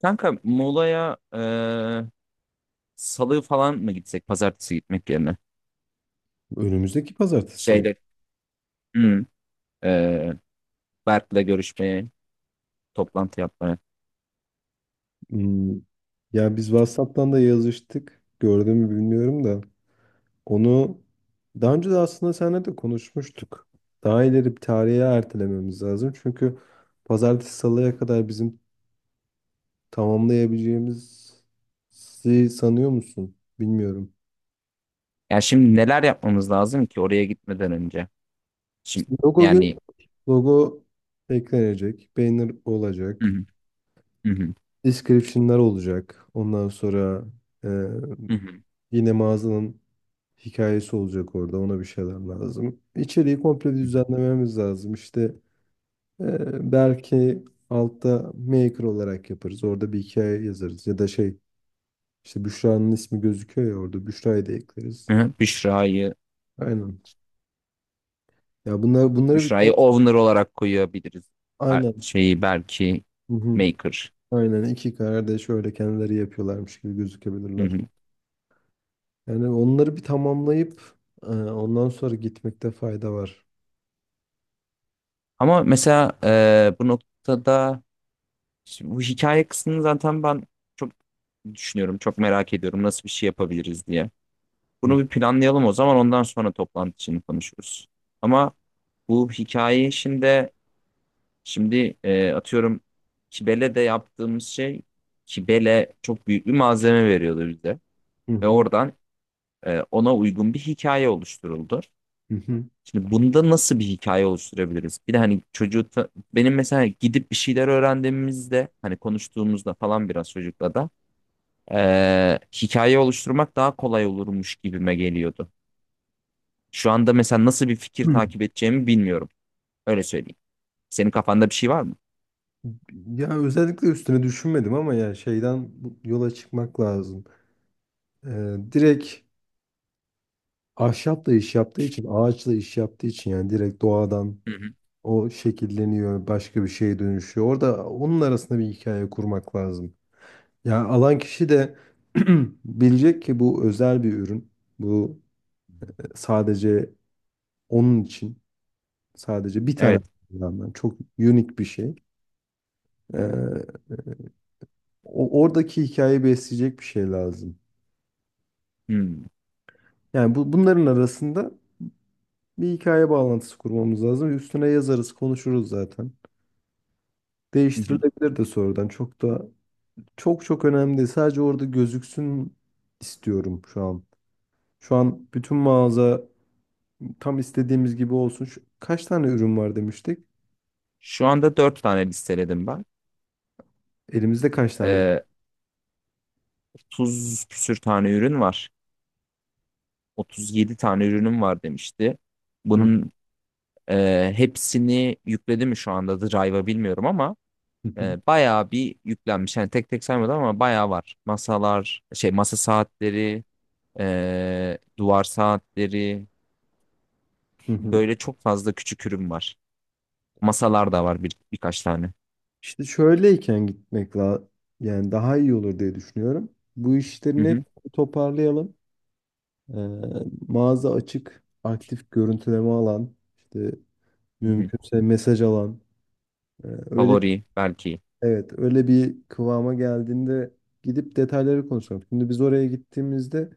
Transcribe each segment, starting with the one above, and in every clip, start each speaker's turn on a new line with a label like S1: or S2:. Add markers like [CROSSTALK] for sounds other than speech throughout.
S1: Kanka Muğla'ya salı falan mı gitsek pazartesi gitmek yerine?
S2: Önümüzdeki pazartesi salı.
S1: Şeyde hmm, eee, Berk'le görüşmeye, toplantı yapmaya.
S2: Hmm. Ya biz WhatsApp'tan da yazıştık. Gördün mü bilmiyorum da. Onu daha önce de aslında seninle de konuşmuştuk. Daha ileri bir tarihe ertelememiz lazım. Çünkü pazartesi salıya kadar bizim tamamlayabileceğimizi sanıyor musun? Bilmiyorum.
S1: Yani şimdi neler yapmamız lazım ki oraya gitmeden önce?
S2: İşte
S1: Şimdi
S2: logo, gel-
S1: yani
S2: logo eklenecek. Banner
S1: hı
S2: olacak.
S1: hı, hı hı,
S2: Description'lar olacak. Ondan sonra e,
S1: hı hı,
S2: yine mağazanın hikayesi olacak orada. Ona bir şeyler lazım. İçeriği komple
S1: hı hı.
S2: düzenlememiz lazım. İşte belki altta maker olarak yaparız. Orada bir hikaye yazarız. Ya da şey işte Büşra'nın ismi gözüküyor ya orada. Büşra'yı da ekleriz.
S1: Hı hı,
S2: Aynen. Ya bunlar, bunları bir,
S1: Büşra'yı owner olarak koyabiliriz.
S2: aynen.
S1: Şeyi belki
S2: Hı hı.
S1: maker.
S2: Aynen iki kardeş öyle kendileri yapıyorlarmış gibi
S1: Hı
S2: gözükebilirler.
S1: hı.
S2: Yani onları bir tamamlayıp ondan sonra gitmekte fayda var.
S1: Ama mesela bu noktada şimdi bu hikaye kısmını zaten ben çok düşünüyorum, çok merak ediyorum nasıl bir şey yapabiliriz diye.
S2: Hı
S1: Bunu bir planlayalım o zaman ondan sonra toplantı için konuşuruz. Ama bu hikaye işinde şimdi atıyorum Kibele de yaptığımız şey Kibele çok büyük bir malzeme veriyordu bize.
S2: hı.
S1: Ve
S2: Hı
S1: oradan ona uygun bir hikaye oluşturuldu.
S2: hı.
S1: Şimdi bunda nasıl bir hikaye oluşturabiliriz? Bir de hani benim mesela gidip bir şeyler öğrendiğimizde hani konuştuğumuzda falan biraz çocukla da hikaye oluşturmak daha kolay olurmuş gibime geliyordu. Şu anda mesela nasıl bir fikir
S2: Hı.
S1: takip edeceğimi bilmiyorum. Öyle söyleyeyim. Senin kafanda bir şey var mı?
S2: Ya özellikle üstüne düşünmedim ama ya şeyden yola çıkmak lazım. Direkt ahşapla iş yaptığı için, ağaçla iş yaptığı için yani direkt doğadan
S1: Hı hı.
S2: o şekilleniyor, başka bir şeye dönüşüyor. Orada onun arasında bir hikaye kurmak lazım. Ya alan kişi de [CLEARS THROAT] bilecek ki bu özel bir ürün. Bu sadece onun için, sadece bir tane
S1: Evet.
S2: kullanılan, çok unik bir şey. Ee, Oradaki hikayeyi besleyecek bir şey lazım.
S1: Hmm.
S2: Yani bu, bunların arasında bir hikaye bağlantısı kurmamız lazım. Üstüne yazarız, konuşuruz zaten.
S1: Hı hı.
S2: Değiştirilebilir de sonradan. Çok da çok çok önemli değil. Sadece orada gözüksün istiyorum şu an. Şu an bütün mağaza tam istediğimiz gibi olsun. Şu- kaç tane ürün var demiştik?
S1: Şu anda dört tane listeledim ben.
S2: Elimizde kaç tane ürün?
S1: Ee, 30 küsür tane ürün var. 37 tane ürünüm var demişti.
S2: Hı.
S1: Bunun hepsini yükledi mi şu anda Drive'a bilmiyorum ama
S2: [LAUGHS]
S1: bayağı bir yüklenmiş. Yani tek tek saymadım ama bayağı var. Masalar, şey masa saatleri, duvar saatleri
S2: Hı hı.
S1: böyle çok fazla küçük ürün var. Masalar da var birkaç tane.
S2: İşte şöyleyken gitmek la, yani daha iyi olur diye düşünüyorum. Bu
S1: Hı
S2: işlerin hep
S1: hı,
S2: toparlayalım. Ee, Mağaza açık, aktif görüntüleme alan, işte
S1: hı hı.
S2: mümkünse mesaj alan. Öyle
S1: Favori belki.
S2: Evet, öyle bir kıvama geldiğinde gidip detayları konuşalım. Şimdi biz oraya gittiğimizde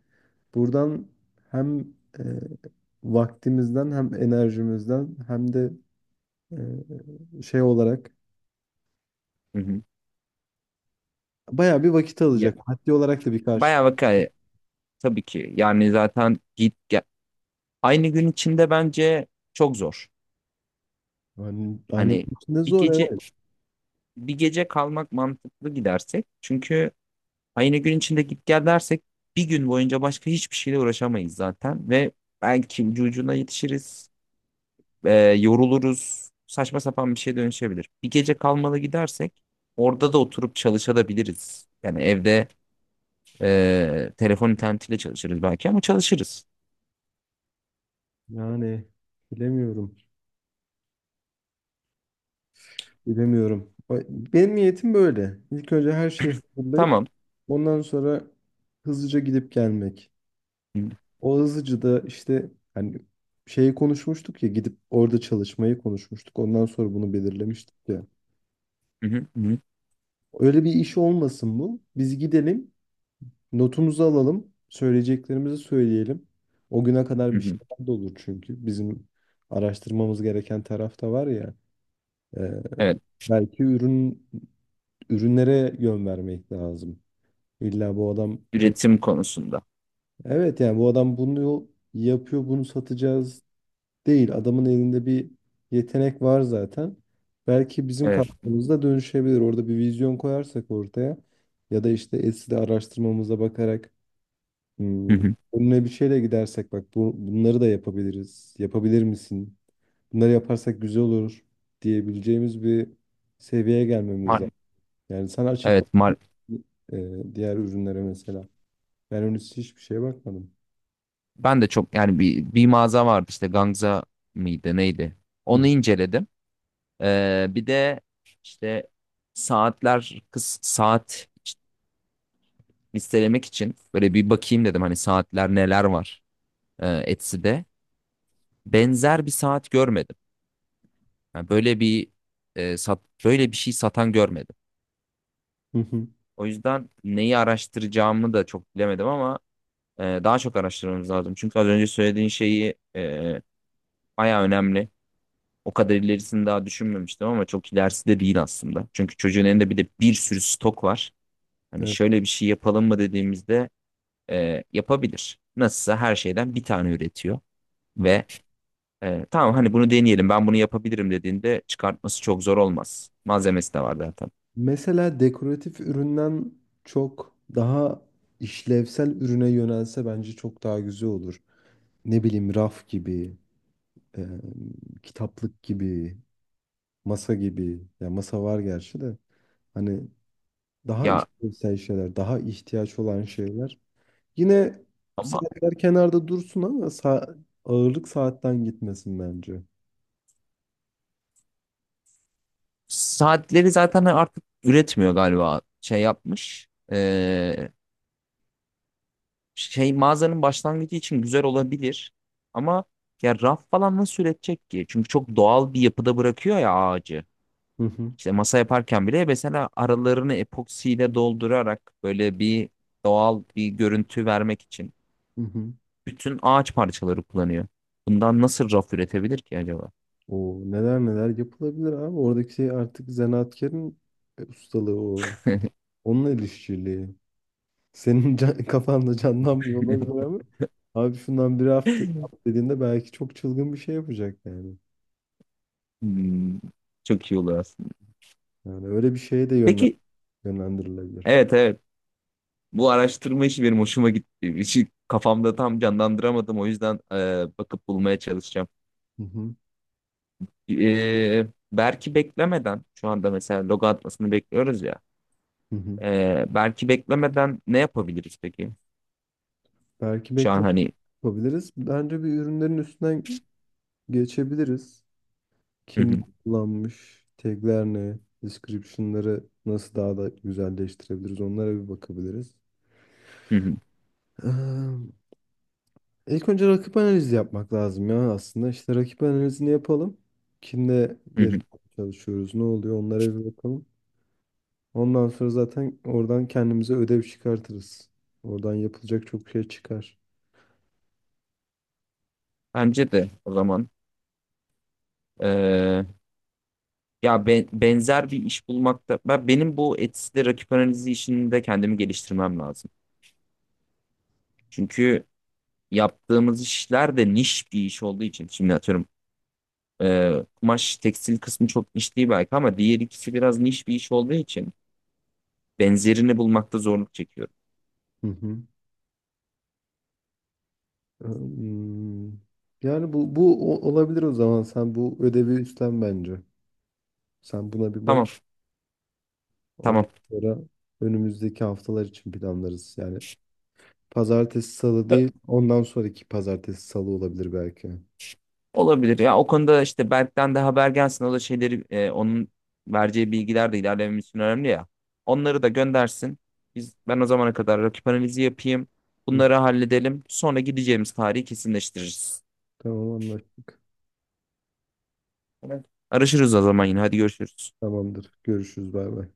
S2: buradan hem e, vaktimizden hem enerjimizden hem de şey olarak
S1: Hı hı.
S2: bayağı bir vakit
S1: Ya,
S2: alacak. Maddi olarak da bir karşı.
S1: bayağı vaka tabii ki. Yani zaten git gel. Aynı gün içinde bence çok zor.
S2: Yani, hani
S1: Hani
S2: içinde
S1: bir
S2: zor,
S1: gece
S2: evet.
S1: bir gece kalmak mantıklı gidersek. Çünkü aynı gün içinde git gel dersek bir gün boyunca başka hiçbir şeyle uğraşamayız zaten ve belki ucu ucuna yetişiriz. e, Yoruluruz. Saçma sapan bir şeye dönüşebilir. Bir gece kalmalı gidersek orada da oturup çalışabiliriz. Yani evde telefon internetiyle çalışırız belki ama çalışırız.
S2: Yani bilemiyorum. Bilemiyorum. Ay, benim niyetim böyle. İlk önce her şeyi hazırlayıp
S1: Tamam.
S2: ondan sonra hızlıca gidip gelmek.
S1: Hı
S2: O hızlıca da işte hani şeyi konuşmuştuk ya, gidip orada çalışmayı konuşmuştuk. Ondan sonra bunu belirlemiştik ya.
S1: hı hı hı.
S2: Öyle bir iş olmasın bu. Biz gidelim, notumuzu alalım, söyleyeceklerimizi söyleyelim. O güne kadar
S1: Hı
S2: bir
S1: hı.
S2: şeyler de olur çünkü. Bizim araştırmamız gereken taraf da var ya. e,
S1: Evet.
S2: Belki ürünlere yön vermek lazım. İlla bu adam
S1: Üretim konusunda.
S2: evet, yani bu adam bunu yapıyor, bunu satacağız değil. Adamın elinde bir yetenek var zaten. Belki bizim
S1: Evet.
S2: katkımızda dönüşebilir. Orada bir vizyon koyarsak ortaya, ya da işte Etsy'de araştırmamıza bakarak,
S1: Hı
S2: hmm,
S1: hı.
S2: önüne bir şeyle gidersek bak bunları da yapabiliriz. Yapabilir misin? Bunları yaparsak güzel olur diyebileceğimiz bir seviyeye gelmemiz lazım.
S1: Mar-
S2: Yani sen açıp bak,
S1: evet.
S2: diğer ürünlere mesela. Ben henüz hiçbir şeye bakmadım.
S1: Ben de çok yani bir mağaza vardı işte Gangza mıydı neydi?
S2: Hı
S1: Onu inceledim. Bir de işte kız saat listelemek için böyle bir bakayım dedim hani saatler neler var Etsy'de. Benzer bir saat görmedim. Yani böyle bir böyle bir şey satan görmedim.
S2: hı hı.
S1: O yüzden neyi araştıracağımı da çok bilemedim ama daha çok araştırmamız lazım. Çünkü az önce söylediğin şeyi bayağı önemli. O kadar ilerisini daha düşünmemiştim ama çok ilerisi de değil aslında. Çünkü çocuğun elinde bir de bir sürü stok var. Hani
S2: Evet.
S1: şöyle bir şey yapalım mı dediğimizde yapabilir. Nasılsa her şeyden bir tane üretiyor ve tamam hani bunu deneyelim ben bunu yapabilirim dediğinde çıkartması çok zor olmaz. Malzemesi de var zaten.
S2: Mesela dekoratif üründen çok daha işlevsel ürüne yönelse bence çok daha güzel olur. Ne bileyim, raf gibi, e, kitaplık gibi, masa gibi. Ya masa var gerçi de. Hani daha
S1: Ya
S2: işlevsel şeyler, daha ihtiyaç olan şeyler. Yine
S1: ama
S2: saatler kenarda dursun ama ağırlık saatten gitmesin bence.
S1: saatleri zaten artık üretmiyor galiba şey yapmış. Şey mağazanın başlangıcı için güzel olabilir. Ama ya raf falan nasıl üretecek ki? Çünkü çok doğal bir yapıda bırakıyor ya ağacı.
S2: Hı hı.
S1: İşte masa yaparken bile mesela aralarını epoksiyle doldurarak böyle bir doğal bir görüntü vermek için.
S2: Hı hı.
S1: Bütün ağaç parçaları kullanıyor. Bundan nasıl raf üretebilir ki acaba?
S2: O neler neler yapılabilir abi. Oradaki şey artık zanaatkarın ustalığı o. Onunla el işçiliği. Senin [LAUGHS] kafanda canlanmıyor
S1: [LAUGHS]
S2: olabilir ama abi şundan bir hafta yap dediğinde belki çok çılgın bir şey yapacak yani.
S1: Hmm, çok iyi olur aslında.
S2: Yani öyle bir şeye de
S1: Peki,
S2: yönlendirilebilir.
S1: evet evet. Bu araştırma işi benim hoşuma gitti. [LAUGHS] İşi kafamda tam canlandıramadım. O yüzden bakıp bulmaya çalışacağım.
S2: Hı hı.
S1: Belki beklemeden, şu anda mesela logo atmasını bekliyoruz ya.
S2: Hı hı.
S1: Belki beklemeden ne yapabiliriz peki?
S2: Belki
S1: Şu an
S2: bekleme
S1: hani...
S2: yapabiliriz. Bence bir ürünlerin üstünden geçebiliriz.
S1: Hı
S2: Kim
S1: hı,
S2: kullanmış, tagler ne, description'ları nasıl daha da güzelleştirebiliriz, onlara bir bakabiliriz.
S1: hı hı,
S2: Eee, İlk önce rakip analizi yapmak lazım ya aslında. İşte rakip analizini yapalım. Kimle
S1: hı hı.
S2: yarışmaya çalışıyoruz, ne oluyor, onlara bir bakalım. Ondan sonra zaten oradan kendimize ödev çıkartırız. Oradan yapılacak çok şey çıkar.
S1: Bence de o zaman. e, Ya benzer bir iş bulmakta benim bu Etsy'de rakip analizi işinde kendimi geliştirmem lazım. Çünkü yaptığımız işler de niş bir iş olduğu için şimdi atıyorum kumaş tekstil kısmı çok niş değil belki ama diğer ikisi biraz niş bir iş olduğu için benzerini bulmakta zorluk çekiyorum.
S2: Hı hı. Hmm. Yani olabilir o zaman. Sen bu ödevi üstlen bence. Sen buna bir bak.
S1: Tamam, tamam.
S2: Ondan sonra önümüzdeki haftalar için planlarız. Yani pazartesi salı değil, ondan sonraki pazartesi salı olabilir belki.
S1: Olabilir. Ya o konuda işte Berk'ten de haber gelsin. O da şeyleri onun vereceği bilgiler de ilerlememiz için önemli ya. Onları da göndersin. Ben o zamana kadar rakip analizi yapayım.
S2: Hı.
S1: Bunları halledelim. Sonra gideceğimiz tarihi kesinleştiririz.
S2: Tamam, anlaştık.
S1: Tamam. Araşırız o zaman yine. Hadi görüşürüz.
S2: Tamamdır. Görüşürüz. Bay bay.